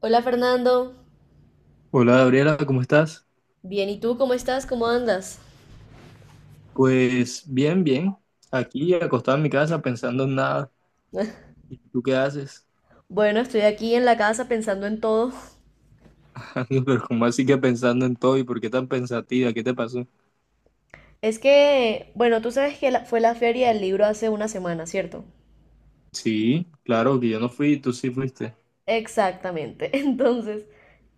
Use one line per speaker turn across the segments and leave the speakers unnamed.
Hola, Fernando.
Hola Gabriela, ¿cómo estás?
Bien, ¿y tú cómo estás? ¿Cómo andas?
Pues bien, bien. Aquí acostado en mi casa pensando en nada. ¿Y tú qué haces?
Bueno, estoy aquí en la casa pensando en todo.
Amigo, pero ¿cómo así que pensando en todo? ¿Y por qué tan pensativa? ¿Qué te pasó?
Es que, bueno, tú sabes que fue la feria del libro hace una semana, ¿cierto?
Sí, claro que yo no fui, tú sí fuiste.
Exactamente. Entonces,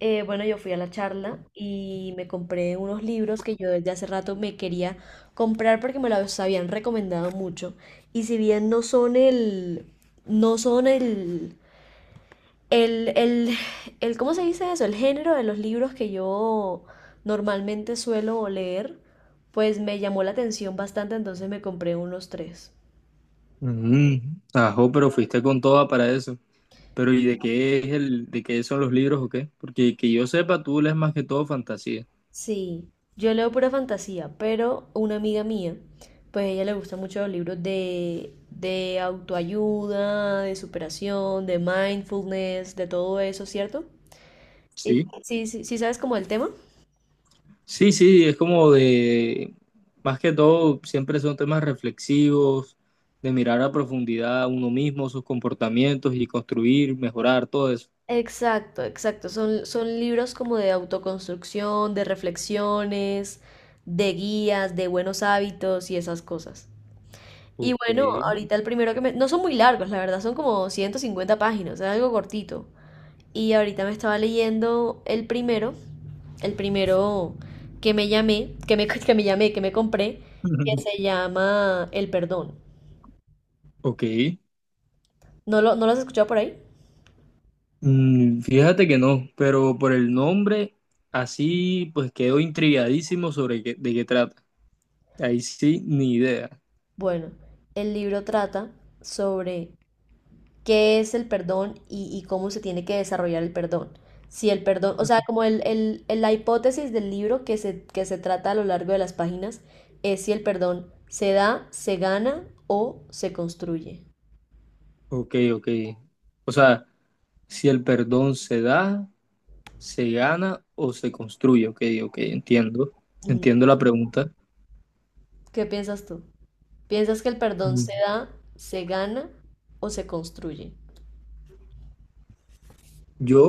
bueno, yo fui a la charla y me compré unos libros que yo desde hace rato me quería comprar porque me los habían recomendado mucho. Y si bien no son el, no son El, el, el, ¿cómo se dice eso? El género de los libros que yo normalmente suelo leer, pues me llamó la atención bastante, entonces me compré unos tres.
Mm, ajo, pero fuiste con toda para eso. Pero ¿y de qué es de qué son los libros o qué? Porque que yo sepa, tú lees más que todo fantasía.
Sí, yo leo pura fantasía, pero una amiga mía, pues a ella le gustan mucho los libros de autoayuda, de superación, de mindfulness, de todo eso, ¿cierto? Y
Sí.
sí, sí, sí, ¿sabes como el tema?
Sí, sí, es como más que todo, siempre son temas reflexivos, de mirar a profundidad a uno mismo, sus comportamientos y construir, mejorar todo eso.
Exacto, exacto. Son libros como de autoconstrucción, de reflexiones, de guías, de buenos hábitos y esas cosas. Y bueno,
Ok.
ahorita el primero que me... No son muy largos, la verdad, son como 150 páginas, es algo cortito. Y ahorita me estaba leyendo el primero, el primero que me llamé, que me, que me llamé, que me compré, que se llama El Perdón.
Ok.
¿No lo has escuchado por ahí?
Mm, fíjate que no, pero por el nombre, así pues quedo intrigadísimo sobre de qué trata. Ahí sí, ni idea.
Bueno, el libro trata sobre qué es el perdón y cómo se tiene que desarrollar el perdón. Si el perdón, o sea, como la hipótesis del libro que se trata a lo largo de las páginas es si el perdón se da, se gana o se construye.
Ok, ok. O sea, si el perdón se da, ¿se gana o se construye? Ok, ok, entiendo.
Mm.
Entiendo la pregunta.
¿Qué piensas tú? ¿Piensas que el perdón
Mm.
se da, se gana o se construye?
Yo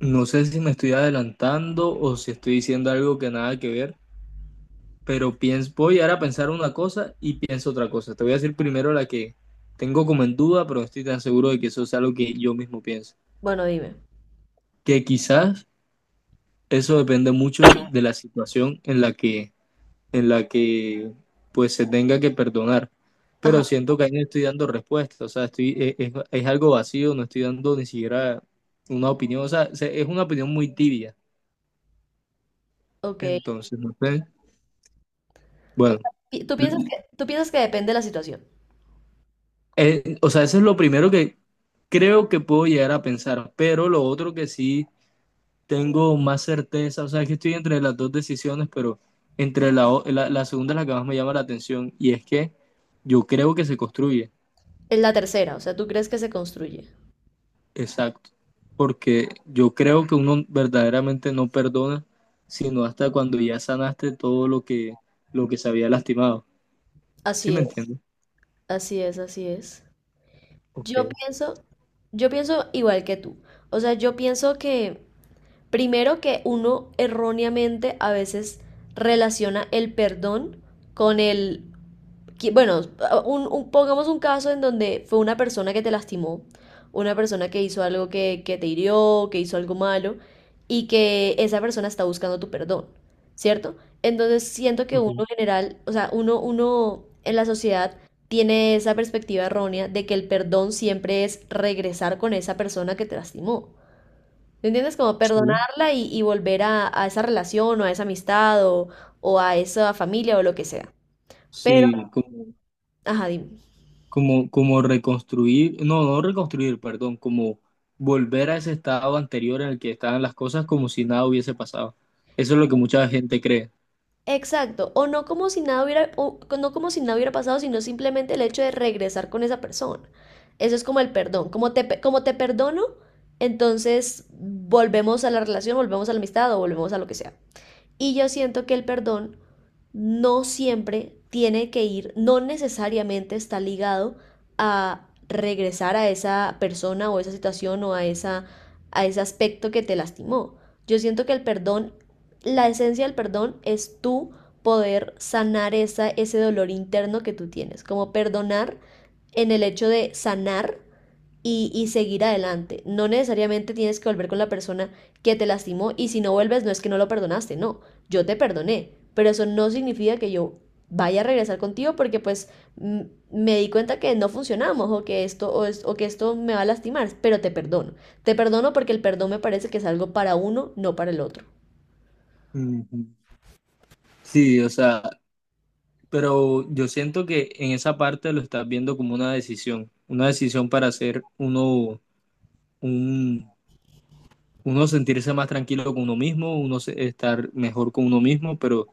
no sé si me estoy adelantando o si estoy diciendo algo que nada que ver, pero pienso, voy ahora a pensar una cosa y pienso otra cosa. Te voy a decir primero la que tengo como en duda, pero no estoy tan seguro de que eso es algo que yo mismo pienso.
Bueno, dime.
Que quizás eso depende mucho de la situación en la que pues se tenga que perdonar.
Ajá,
Pero siento que ahí no estoy dando respuesta, o sea, estoy, es algo vacío, no estoy dando ni siquiera una opinión, o sea, es una opinión muy tibia.
ok.
Entonces, no sé,
O
bueno,
sea,
l-
tú piensas que depende de la situación.
o sea, eso es lo primero que creo que puedo llegar a pensar, pero lo otro que sí tengo más certeza, o sea, es que estoy entre las dos decisiones, pero entre la segunda es la que más me llama la atención y es que yo creo que se construye.
Es la tercera, o sea, tú crees que se construye.
Exacto, porque yo creo que uno verdaderamente no perdona, sino hasta cuando ya sanaste todo lo que se había lastimado. ¿Sí
Así
me
es,
entiendes?
así es, así es.
Ok,
Yo pienso, yo pienso igual que tú. O sea, yo pienso que primero que uno erróneamente a veces relaciona el perdón con el bueno, pongamos un caso en donde fue una persona que te lastimó, una persona que hizo algo que te hirió, que hizo algo malo, y que esa persona está buscando tu perdón, ¿cierto? Entonces siento que uno
ok,
general, o sea, uno en la sociedad tiene esa perspectiva errónea de que el perdón siempre es regresar con esa persona que te lastimó. ¿Me entiendes? Como
sí.
perdonarla y volver a esa relación o a esa amistad o a esa familia o lo que sea. Pero,
Sí,
ajá, dime.
como reconstruir, no, no reconstruir, perdón, como volver a ese estado anterior en el que estaban las cosas como si nada hubiese pasado. Eso es lo que mucha gente cree.
Exacto, o no como si nada hubiera, o no como si nada hubiera pasado, sino simplemente el hecho de regresar con esa persona. Eso es como el perdón, como te, como te perdono, entonces volvemos a la relación, volvemos a la amistad o volvemos a lo que sea. Y yo siento que el perdón no siempre tiene que ir, no necesariamente está ligado a regresar a esa persona o a esa situación o a, esa, a ese aspecto que te lastimó. Yo siento que el perdón, la esencia del perdón es tú poder sanar esa, ese dolor interno que tú tienes, como perdonar en el hecho de sanar y seguir adelante. No necesariamente tienes que volver con la persona que te lastimó, y si no vuelves no es que no lo perdonaste. No, yo te perdoné, pero eso no significa que yo vaya a regresar contigo porque pues mm, me di cuenta que no funcionamos o que esto o, es, o que esto me va a lastimar, pero te perdono. Te perdono porque el perdón me parece que es algo para uno, no para el otro.
Ujú. Sí, o sea, pero yo siento que en esa parte lo estás viendo como una decisión para hacer uno, un, uno sentirse más tranquilo con uno mismo, uno estar mejor con uno mismo, pero,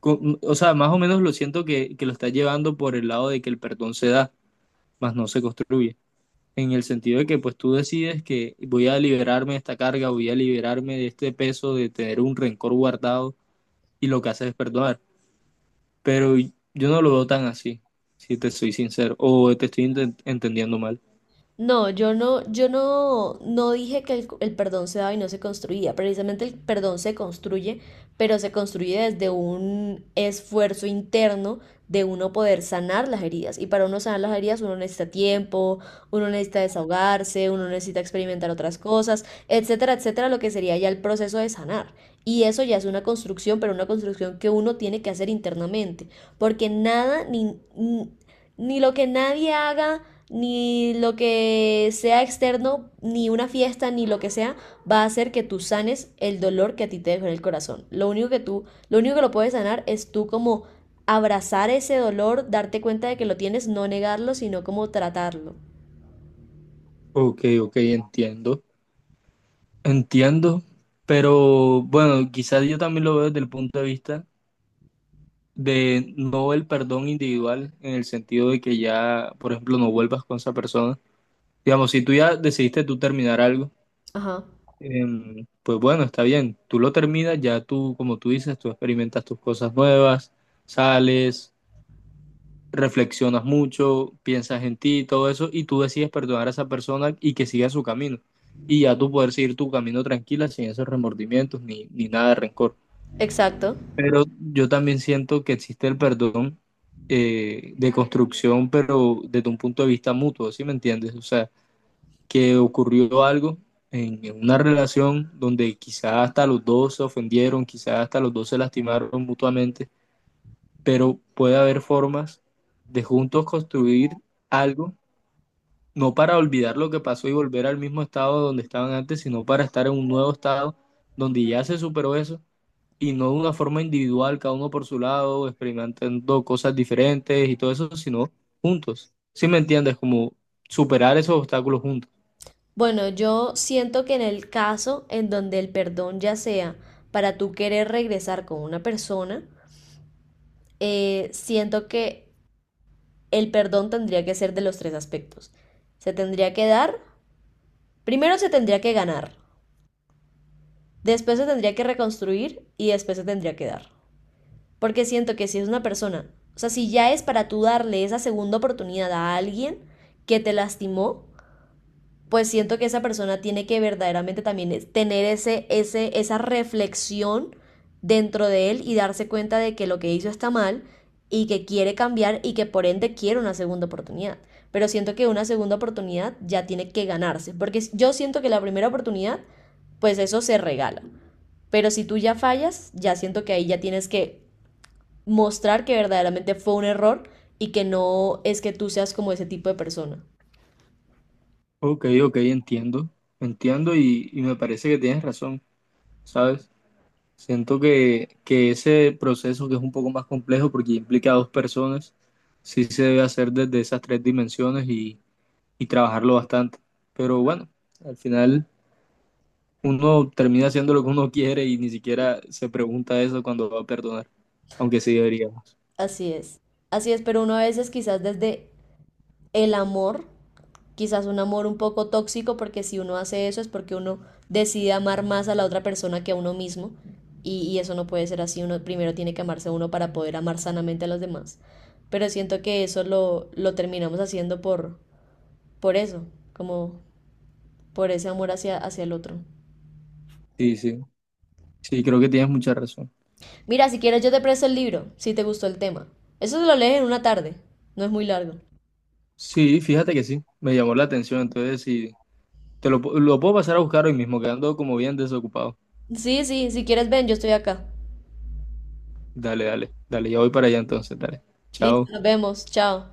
o sea, más o menos lo siento que lo estás llevando por el lado de que el perdón se da, más no se construye, en el sentido de que pues tú decides que voy a liberarme de esta carga, voy a liberarme de este peso, de tener un rencor guardado, y lo que haces es perdonar. Pero yo no lo veo tan así, si te soy sincero. O te estoy entendiendo mal.
No, yo no, yo no, no dije que el perdón se daba y no se construía. Precisamente el perdón se construye, pero se construye desde un esfuerzo interno de uno poder sanar las heridas. Y para uno sanar las heridas, uno necesita tiempo, uno necesita desahogarse, uno necesita experimentar otras cosas, etcétera, etcétera, lo que sería ya el proceso de sanar. Y eso ya es una construcción, pero una construcción que uno tiene que hacer internamente, porque nada ni lo que nadie haga, ni lo que sea externo, ni una fiesta, ni lo que sea, va a hacer que tú sanes el dolor que a ti te dejó en el corazón. Lo único que lo puedes sanar es tú como abrazar ese dolor, darte cuenta de que lo tienes, no negarlo, sino como tratarlo.
Ok, ok, entiendo. Entiendo. Pero bueno, quizás yo también lo veo desde el punto de vista de no el perdón individual, en el sentido de que ya, por ejemplo, no vuelvas con esa persona. Digamos, si tú ya decidiste tú terminar algo,
Ajá,
pues bueno, está bien. Tú lo terminas, ya tú, como tú dices, tú experimentas tus cosas nuevas, sales, reflexionas mucho, piensas en ti y todo eso, y tú decides perdonar a esa persona y que siga su camino. Y ya tú poder seguir tu camino tranquila, sin esos remordimientos ni nada de rencor.
exacto.
Pero yo también siento que existe el perdón de construcción, pero desde un punto de vista mutuo, ¿sí me entiendes? O sea, que ocurrió algo en una relación donde quizás hasta los dos se ofendieron, quizás hasta los dos se lastimaron mutuamente, pero puede haber formas de juntos construir algo, no para olvidar lo que pasó y volver al mismo estado donde estaban antes, sino para estar en un nuevo estado donde ya se superó eso y no de una forma individual, cada uno por su lado, experimentando cosas diferentes y todo eso, sino juntos. ¿Sí me entiendes? Como superar esos obstáculos juntos.
Bueno, yo siento que en el caso en donde el perdón ya sea para tú querer regresar con una persona, siento que el perdón tendría que ser de los tres aspectos. Se tendría que dar, primero se tendría que ganar, después se tendría que reconstruir y después se tendría que dar. Porque siento que si es una persona, o sea, si ya es para tú darle esa segunda oportunidad a alguien que te lastimó, pues siento que esa persona tiene que verdaderamente también tener esa reflexión dentro de él y darse cuenta de que lo que hizo está mal y que quiere cambiar y que por ende quiere una segunda oportunidad. Pero siento que una segunda oportunidad ya tiene que ganarse, porque yo siento que la primera oportunidad, pues eso se regala. Pero si tú ya fallas, ya siento que ahí ya tienes que mostrar que verdaderamente fue un error y que no es que tú seas como ese tipo de persona.
Ok, ok, entiendo, entiendo, y me parece que tienes razón, ¿sabes? Siento que ese proceso que es un poco más complejo porque implica a dos personas, sí se debe hacer desde esas tres dimensiones y trabajarlo bastante. Pero bueno, al final uno termina haciendo lo que uno quiere y ni siquiera se pregunta eso cuando va a perdonar, aunque sí deberíamos.
Así es, así es, pero uno a veces quizás desde el amor, quizás un amor un poco tóxico, porque si uno hace eso es porque uno decide amar más a la otra persona que a uno mismo, y eso no puede ser así, uno primero tiene que amarse a uno para poder amar sanamente a los demás, pero siento que eso lo terminamos haciendo por eso, como por ese amor hacia, hacia el otro.
Sí, sí, sí, creo que tienes mucha razón.
Mira, si quieres yo te presto el libro, si te gustó el tema. Eso se lo lees en una tarde, no es muy largo.
Sí, fíjate que sí, me llamó la atención, entonces sí, lo puedo pasar a buscar hoy mismo, quedando como bien desocupado.
Sí, sí, si quieres ven, yo estoy acá.
Dale, dale, dale, ya voy para allá entonces, dale.
Listo,
Chao.
nos vemos. Chao.